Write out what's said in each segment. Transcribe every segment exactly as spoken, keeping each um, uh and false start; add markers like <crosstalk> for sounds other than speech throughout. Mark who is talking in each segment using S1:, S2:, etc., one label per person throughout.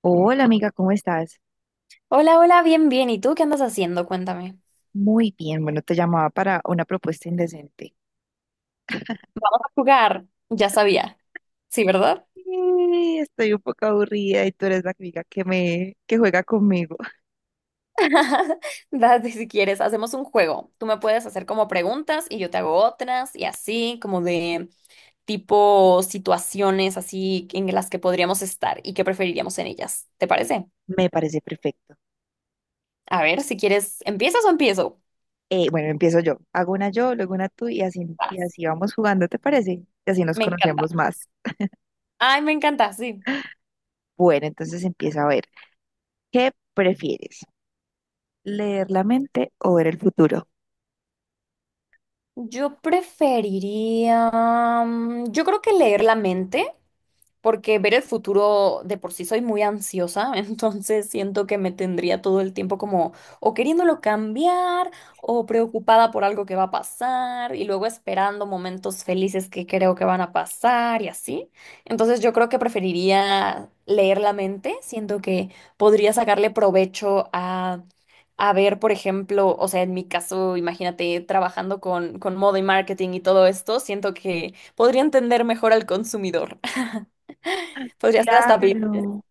S1: Hola amiga, ¿cómo estás?
S2: Hola, hola, bien, bien. ¿Y tú qué andas haciendo? Cuéntame.
S1: Muy bien, bueno, te llamaba para una propuesta indecente.
S2: Vamos a jugar. Ya sabía. Sí, ¿verdad?
S1: Sí, estoy un poco aburrida y tú eres la amiga que me que juega conmigo. <laughs>
S2: <laughs> Date si quieres, hacemos un juego. Tú me puedes hacer como preguntas y yo te hago otras y así, como de tipo situaciones así en las que podríamos estar y qué preferiríamos en ellas. ¿Te parece?
S1: Me parece perfecto.
S2: A ver, si quieres, ¿empiezas o empiezo?
S1: Eh, bueno, empiezo yo. Hago una yo, luego una tú y así, y
S2: Vas.
S1: así vamos jugando, ¿te parece? Y así nos
S2: Me encanta.
S1: conocemos más.
S2: Ay, me encanta, sí.
S1: Bueno, entonces empieza a ver. ¿Qué prefieres? ¿Leer la mente o ver el futuro?
S2: Yo preferiría, mm, yo creo que leer la mente, porque ver el futuro de por sí soy muy ansiosa. <laughs> Entonces siento que me tendría todo el tiempo como o queriéndolo cambiar o preocupada por algo que va a pasar y luego esperando momentos felices que creo que van a pasar y así. Entonces yo creo que preferiría leer la mente, siento que podría sacarle provecho a, a ver, por ejemplo, o sea, en mi caso, imagínate trabajando con, con moda y marketing y todo esto, siento que podría entender mejor al consumidor. Podría ser hasta Bill.
S1: Claro.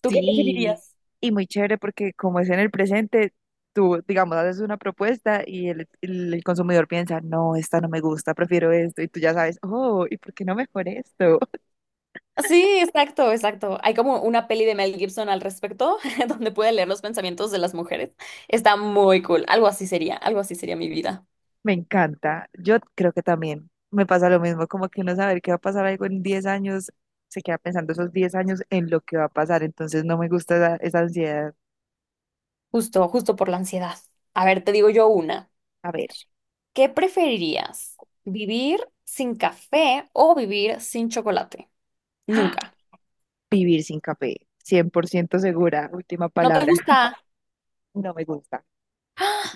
S2: ¿Tú qué
S1: Sí,
S2: preferirías?
S1: y muy chévere porque como es en el presente, tú, digamos, haces una propuesta y el, el- el consumidor piensa, no, esta no me gusta, prefiero esto, y tú ya sabes, oh, ¿y por qué no mejor esto? <laughs>
S2: Sí, exacto, exacto. Hay como una peli de Mel Gibson al respecto, <laughs> donde puede leer los pensamientos de las mujeres. Está muy cool. Algo así sería, algo así sería mi vida.
S1: Me encanta. Yo creo que también me pasa lo mismo, como que uno saber que va a pasar algo en diez años, se queda pensando esos diez años en lo que va a pasar, entonces no me gusta esa, esa ansiedad.
S2: Justo, justo por la ansiedad. A ver, te digo yo una.
S1: A ver,
S2: ¿Qué preferirías? ¿Vivir sin café o vivir sin chocolate?
S1: ¡ah!
S2: Nunca.
S1: Vivir sin café, cien por ciento segura, última
S2: ¿No te
S1: palabra,
S2: gusta?
S1: no me gusta.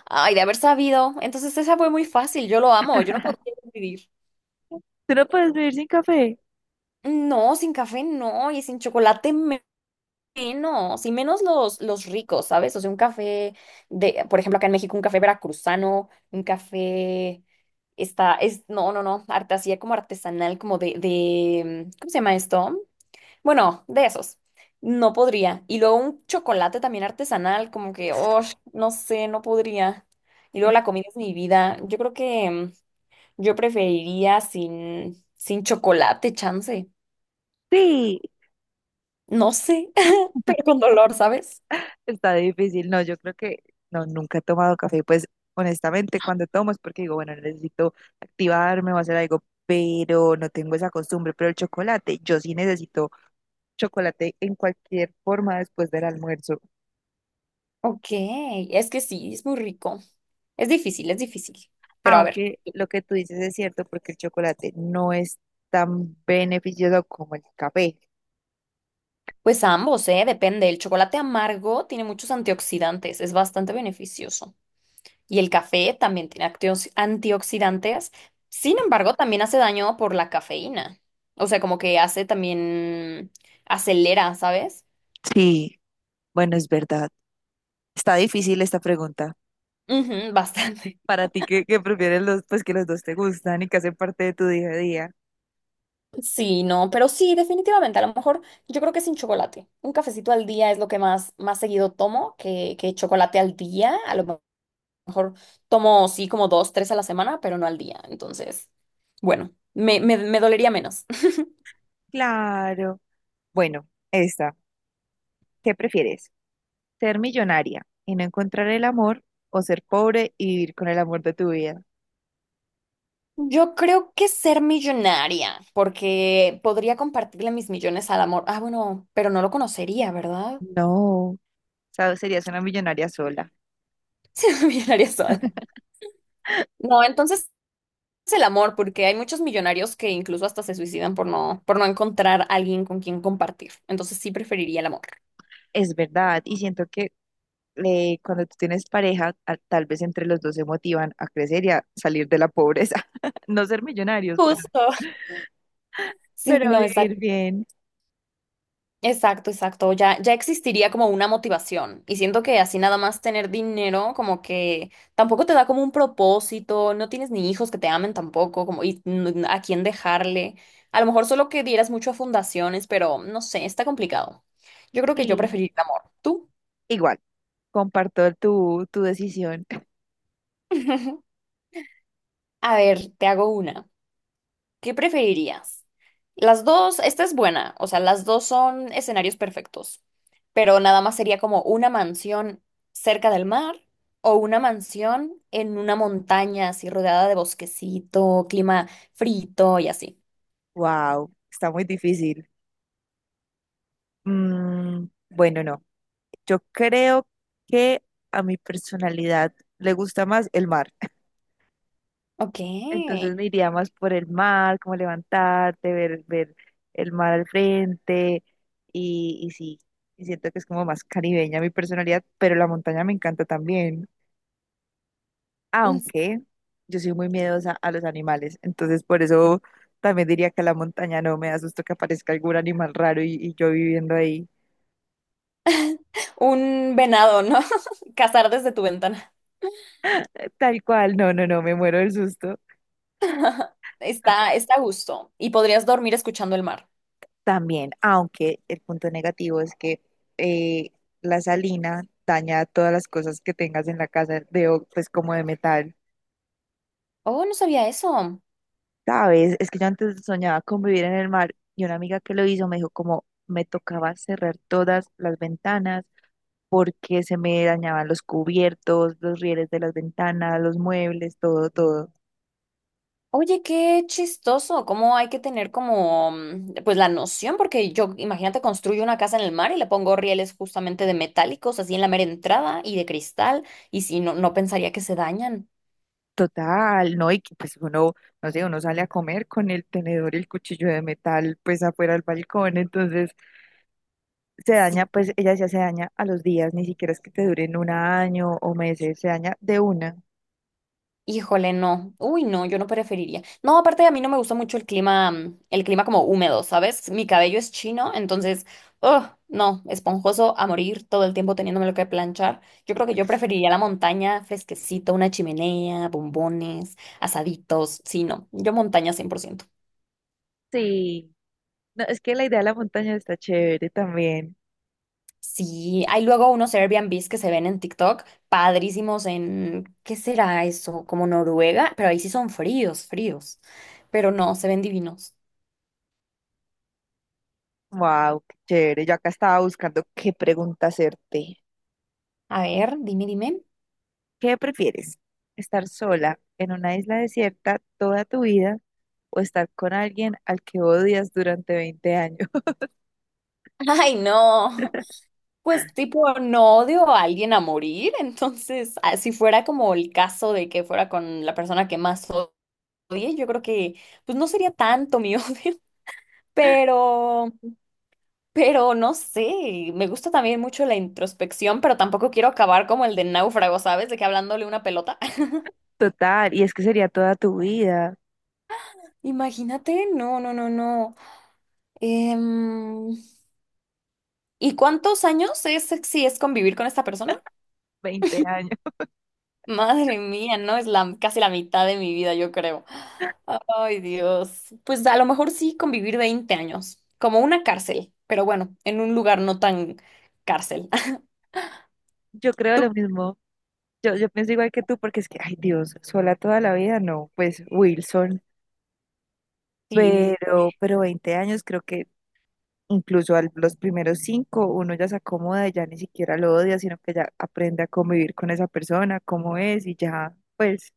S2: Ay, de haber sabido. Entonces esa fue muy fácil. Yo lo amo. Yo no podría vivir.
S1: ¿Tú no puedes vivir sin café?
S2: No, sin café no. Y sin chocolate menos, y menos los, los ricos, ¿sabes? O sea, un café de, por ejemplo, acá en México, un café veracruzano, un café está, es, no, no, no, arte así como artesanal, como de, de, ¿cómo se llama esto? Bueno, de esos. No podría. Y luego un chocolate también artesanal, como que, oh, no sé, no podría. Y luego la comida es mi vida. Yo creo que mm, yo preferiría sin, sin chocolate, chance.
S1: Sí.
S2: No sé, <laughs> pero con dolor, ¿sabes?
S1: Está difícil, no, yo creo que no, nunca he tomado café, pues honestamente cuando tomo es porque digo, bueno, necesito activarme o hacer algo, pero no tengo esa costumbre, pero el chocolate, yo sí necesito chocolate en cualquier forma después del almuerzo,
S2: Ok, es que sí, es muy rico. Es difícil, es difícil. Pero a ver,
S1: aunque lo que tú dices es cierto porque el chocolate no es tan beneficioso como el café.
S2: pues ambos, ¿eh? Depende. El chocolate amargo tiene muchos antioxidantes, es bastante beneficioso. Y el café también tiene actiox- antioxidantes. Sin embargo, también hace daño por la cafeína. O sea, como que hace también, acelera, ¿sabes?
S1: Sí, bueno, es verdad. Está difícil esta pregunta.
S2: Ujú, <laughs> bastante.
S1: Para ti que, que prefieres los, pues que los dos te gustan y que hacen parte de tu día a día.
S2: Sí, no, pero sí, definitivamente. A lo mejor yo creo que sin chocolate. Un cafecito al día es lo que más, más seguido tomo que, que chocolate al día. A lo mejor tomo, sí, como dos, tres a la semana, pero no al día. Entonces, bueno, me, me, me dolería menos. <laughs>
S1: Claro. Bueno, esta. ¿Qué prefieres? ¿Ser millonaria y no encontrar el amor o ser pobre y vivir con el amor de tu vida?
S2: Yo creo que ser millonaria, porque podría compartirle mis millones al amor. Ah, bueno, pero no lo conocería, ¿verdad?
S1: No, o sea, serías una millonaria sola.
S2: <laughs> Ser millonaria sola. No, entonces es el amor, porque hay muchos millonarios que incluso hasta se suicidan por no, por no encontrar alguien con quien compartir. Entonces sí preferiría el amor.
S1: Es verdad, y siento que eh, cuando tú tienes pareja, a- tal vez entre los dos se motivan a crecer y a salir de la pobreza. <laughs> No ser millonarios, pero,
S2: Justo. <laughs> Sí,
S1: pero
S2: no,
S1: vivir
S2: exacto.
S1: bien.
S2: Exacto, exacto. Ya, ya existiría como una motivación. Y siento que así nada más tener dinero, como que tampoco te da como un propósito, no tienes ni hijos que te amen tampoco, como y n- a quién dejarle. A lo mejor solo que dieras mucho a fundaciones, pero no sé, está complicado. Yo creo que yo
S1: Sí.
S2: preferiría el amor. ¿Tú?
S1: Igual, comparto tu, tu decisión. <laughs>
S2: <laughs> A ver, te hago una. ¿Qué preferirías? Las dos, esta es buena, o sea, las dos son escenarios perfectos, pero nada más sería como una mansión cerca del mar o una mansión en una montaña así rodeada de bosquecito, clima frito y así.
S1: Wow, está muy difícil. Mm, bueno, no. Yo creo que a mi personalidad le gusta más el mar. <laughs>
S2: Ok.
S1: Entonces me iría más por el mar, como levantarte, ver, ver el mar al frente y, y sí, y siento que es como más caribeña mi personalidad, pero la montaña me encanta también, aunque yo soy muy miedosa a los animales, entonces por eso también diría que la montaña no me da susto que aparezca algún animal raro y, y yo viviendo ahí.
S2: <laughs> Un venado, ¿no? <laughs> Cazar desde tu ventana.
S1: Tal cual, no, no, no, me muero del susto.
S2: Está, está a gusto y podrías dormir escuchando el mar.
S1: También, aunque el punto negativo es que eh, la salina daña todas las cosas que tengas en la casa, de, o- pues como de metal.
S2: Oh, no sabía eso.
S1: ¿Sabes? Es que yo antes soñaba con vivir en el mar y una amiga que lo hizo me dijo como me tocaba cerrar todas las ventanas porque se me dañaban los cubiertos, los rieles de las ventanas, los muebles, todo, todo.
S2: Oye, qué chistoso, cómo hay que tener como, mm, pues la noción, porque yo, imagínate, construyo una casa en el mar y le pongo rieles justamente de metálicos, así en la mera entrada y de cristal, y si no, no pensaría que se dañan.
S1: Total, ¿no? Y que, pues uno, no sé, uno sale a comer con el tenedor y el cuchillo de metal pues afuera al balcón, entonces se daña, pues ella decía se daña a los días, ni siquiera es que te duren un año o meses, se daña de una.
S2: Híjole, no. Uy, no, yo no preferiría. No, aparte a mí no me gusta mucho el clima, mm, el clima como húmedo, ¿sabes? Mi cabello es chino, entonces, ugh, no, esponjoso a morir todo el tiempo teniéndomelo que planchar. Yo creo que yo preferiría la montaña, fresquecito, una chimenea, bombones, asaditos. Sí, no, yo montaña cien por ciento.
S1: Sí. No, es que la idea de la montaña está chévere también.
S2: Sí, hay luego unos Airbnbs que se ven en TikTok, padrísimos en, ¿qué será eso? Como Noruega, pero ahí sí son fríos, fríos, pero no, se ven divinos.
S1: Wow, qué chévere. Yo acá estaba buscando qué pregunta hacerte.
S2: A ver, dime, dime.
S1: ¿Qué prefieres? ¿Estar sola en una isla desierta toda tu vida o estar con alguien al que odias durante veinte años? <laughs>
S2: Ay, no. Pues tipo, no odio a alguien a morir, entonces, ah, si fuera como el caso de que fuera con la persona que más odie, yo creo que, pues no sería tanto mi <laughs> odio, pero, pero no sé, me gusta también mucho la introspección, pero tampoco quiero acabar como el de náufrago, ¿sabes? De que hablándole una pelota. <laughs>
S1: Total, y es que sería toda tu vida,
S2: Imagínate, no, no, no, no. Em, ¿Y cuántos años es si es convivir con esta persona?
S1: veinte años.
S2: Madre mía, no es la, casi la mitad de mi vida, yo creo. Ay, Dios. Pues a lo mejor sí convivir veinte años, como una cárcel, pero bueno, en un lugar no tan cárcel. <laughs>
S1: Yo creo lo mismo. Yo, yo pienso igual que tú, porque es que, ay Dios, sola toda la vida, no, pues Wilson,
S2: Sí,
S1: pero, pero veinte años creo que incluso a los primeros cinco uno ya se acomoda, ya ni siquiera lo odia, sino que ya aprende a convivir con esa persona, cómo es y ya, pues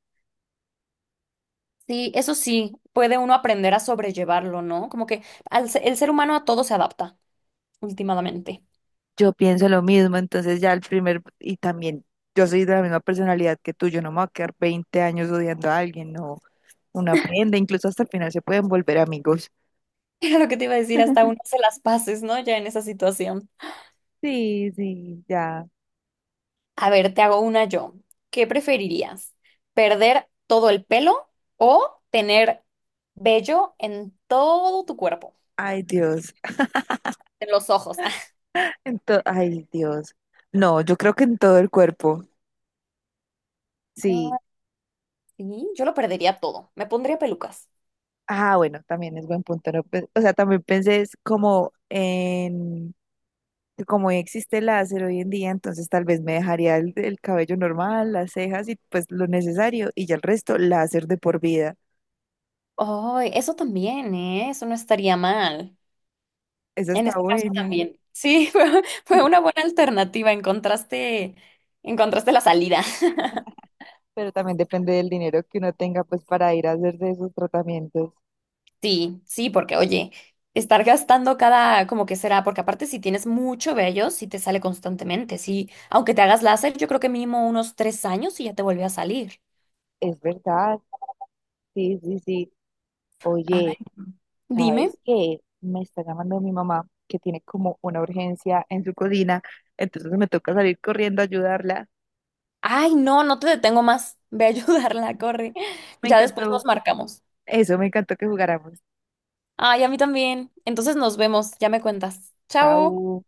S2: sí, eso sí, puede uno aprender a sobrellevarlo, ¿no? Como que al se- el ser humano a todo se adapta últimamente. <laughs>
S1: yo pienso lo mismo, entonces ya el primer, y también yo soy de la misma personalidad que tú, yo no me voy a quedar veinte años odiando a alguien, no, uno aprende, incluso hasta el final se pueden volver amigos.
S2: Era lo que te iba a decir, hasta uno se las paces, ¿no? Ya en esa situación.
S1: Sí, sí, ya.
S2: A ver, te hago una yo. ¿Qué preferirías? ¿Perder todo el pelo o tener vello en todo tu cuerpo?
S1: Ay, Dios.
S2: En los ojos. <laughs>
S1: En to- Ay, Dios. No, yo creo que en todo el cuerpo. Sí.
S2: Ah, sí, yo lo perdería todo. Me pondría pelucas.
S1: Ah, bueno, también es buen punto, ¿no? Pe- O sea, también pensé es como en, como existe el láser hoy en día, entonces tal vez me dejaría el, el cabello normal, las cejas y pues lo necesario y ya el resto láser de por vida.
S2: Ay, eso también, ¿eh? Eso no estaría mal.
S1: Esa
S2: En
S1: está
S2: este caso
S1: buena. <laughs>
S2: también. Sí, <laughs> fue, fue una buena alternativa. Encontraste, encontraste la salida.
S1: Pero también depende del dinero que uno tenga pues para ir a hacer de esos tratamientos.
S2: Sí, sí, porque oye, estar gastando cada, como que será, porque aparte si tienes mucho vello, sí te sale constantemente, sí, aunque te hagas láser, yo creo que mínimo unos tres años y ya te vuelve a salir.
S1: Es verdad. Sí, sí, sí.
S2: Ay,
S1: Oye.
S2: dime.
S1: Sabes que me está llamando mi mamá que tiene como una urgencia en su cocina, entonces me toca salir corriendo a ayudarla.
S2: Ay, no, no te detengo más. <laughs> Ve a ayudarla, corre.
S1: Me
S2: Ya después
S1: encantó
S2: nos marcamos.
S1: eso, me encantó que jugáramos.
S2: Ay, a mí también. Entonces nos vemos, ya me cuentas. Chao.
S1: Chao.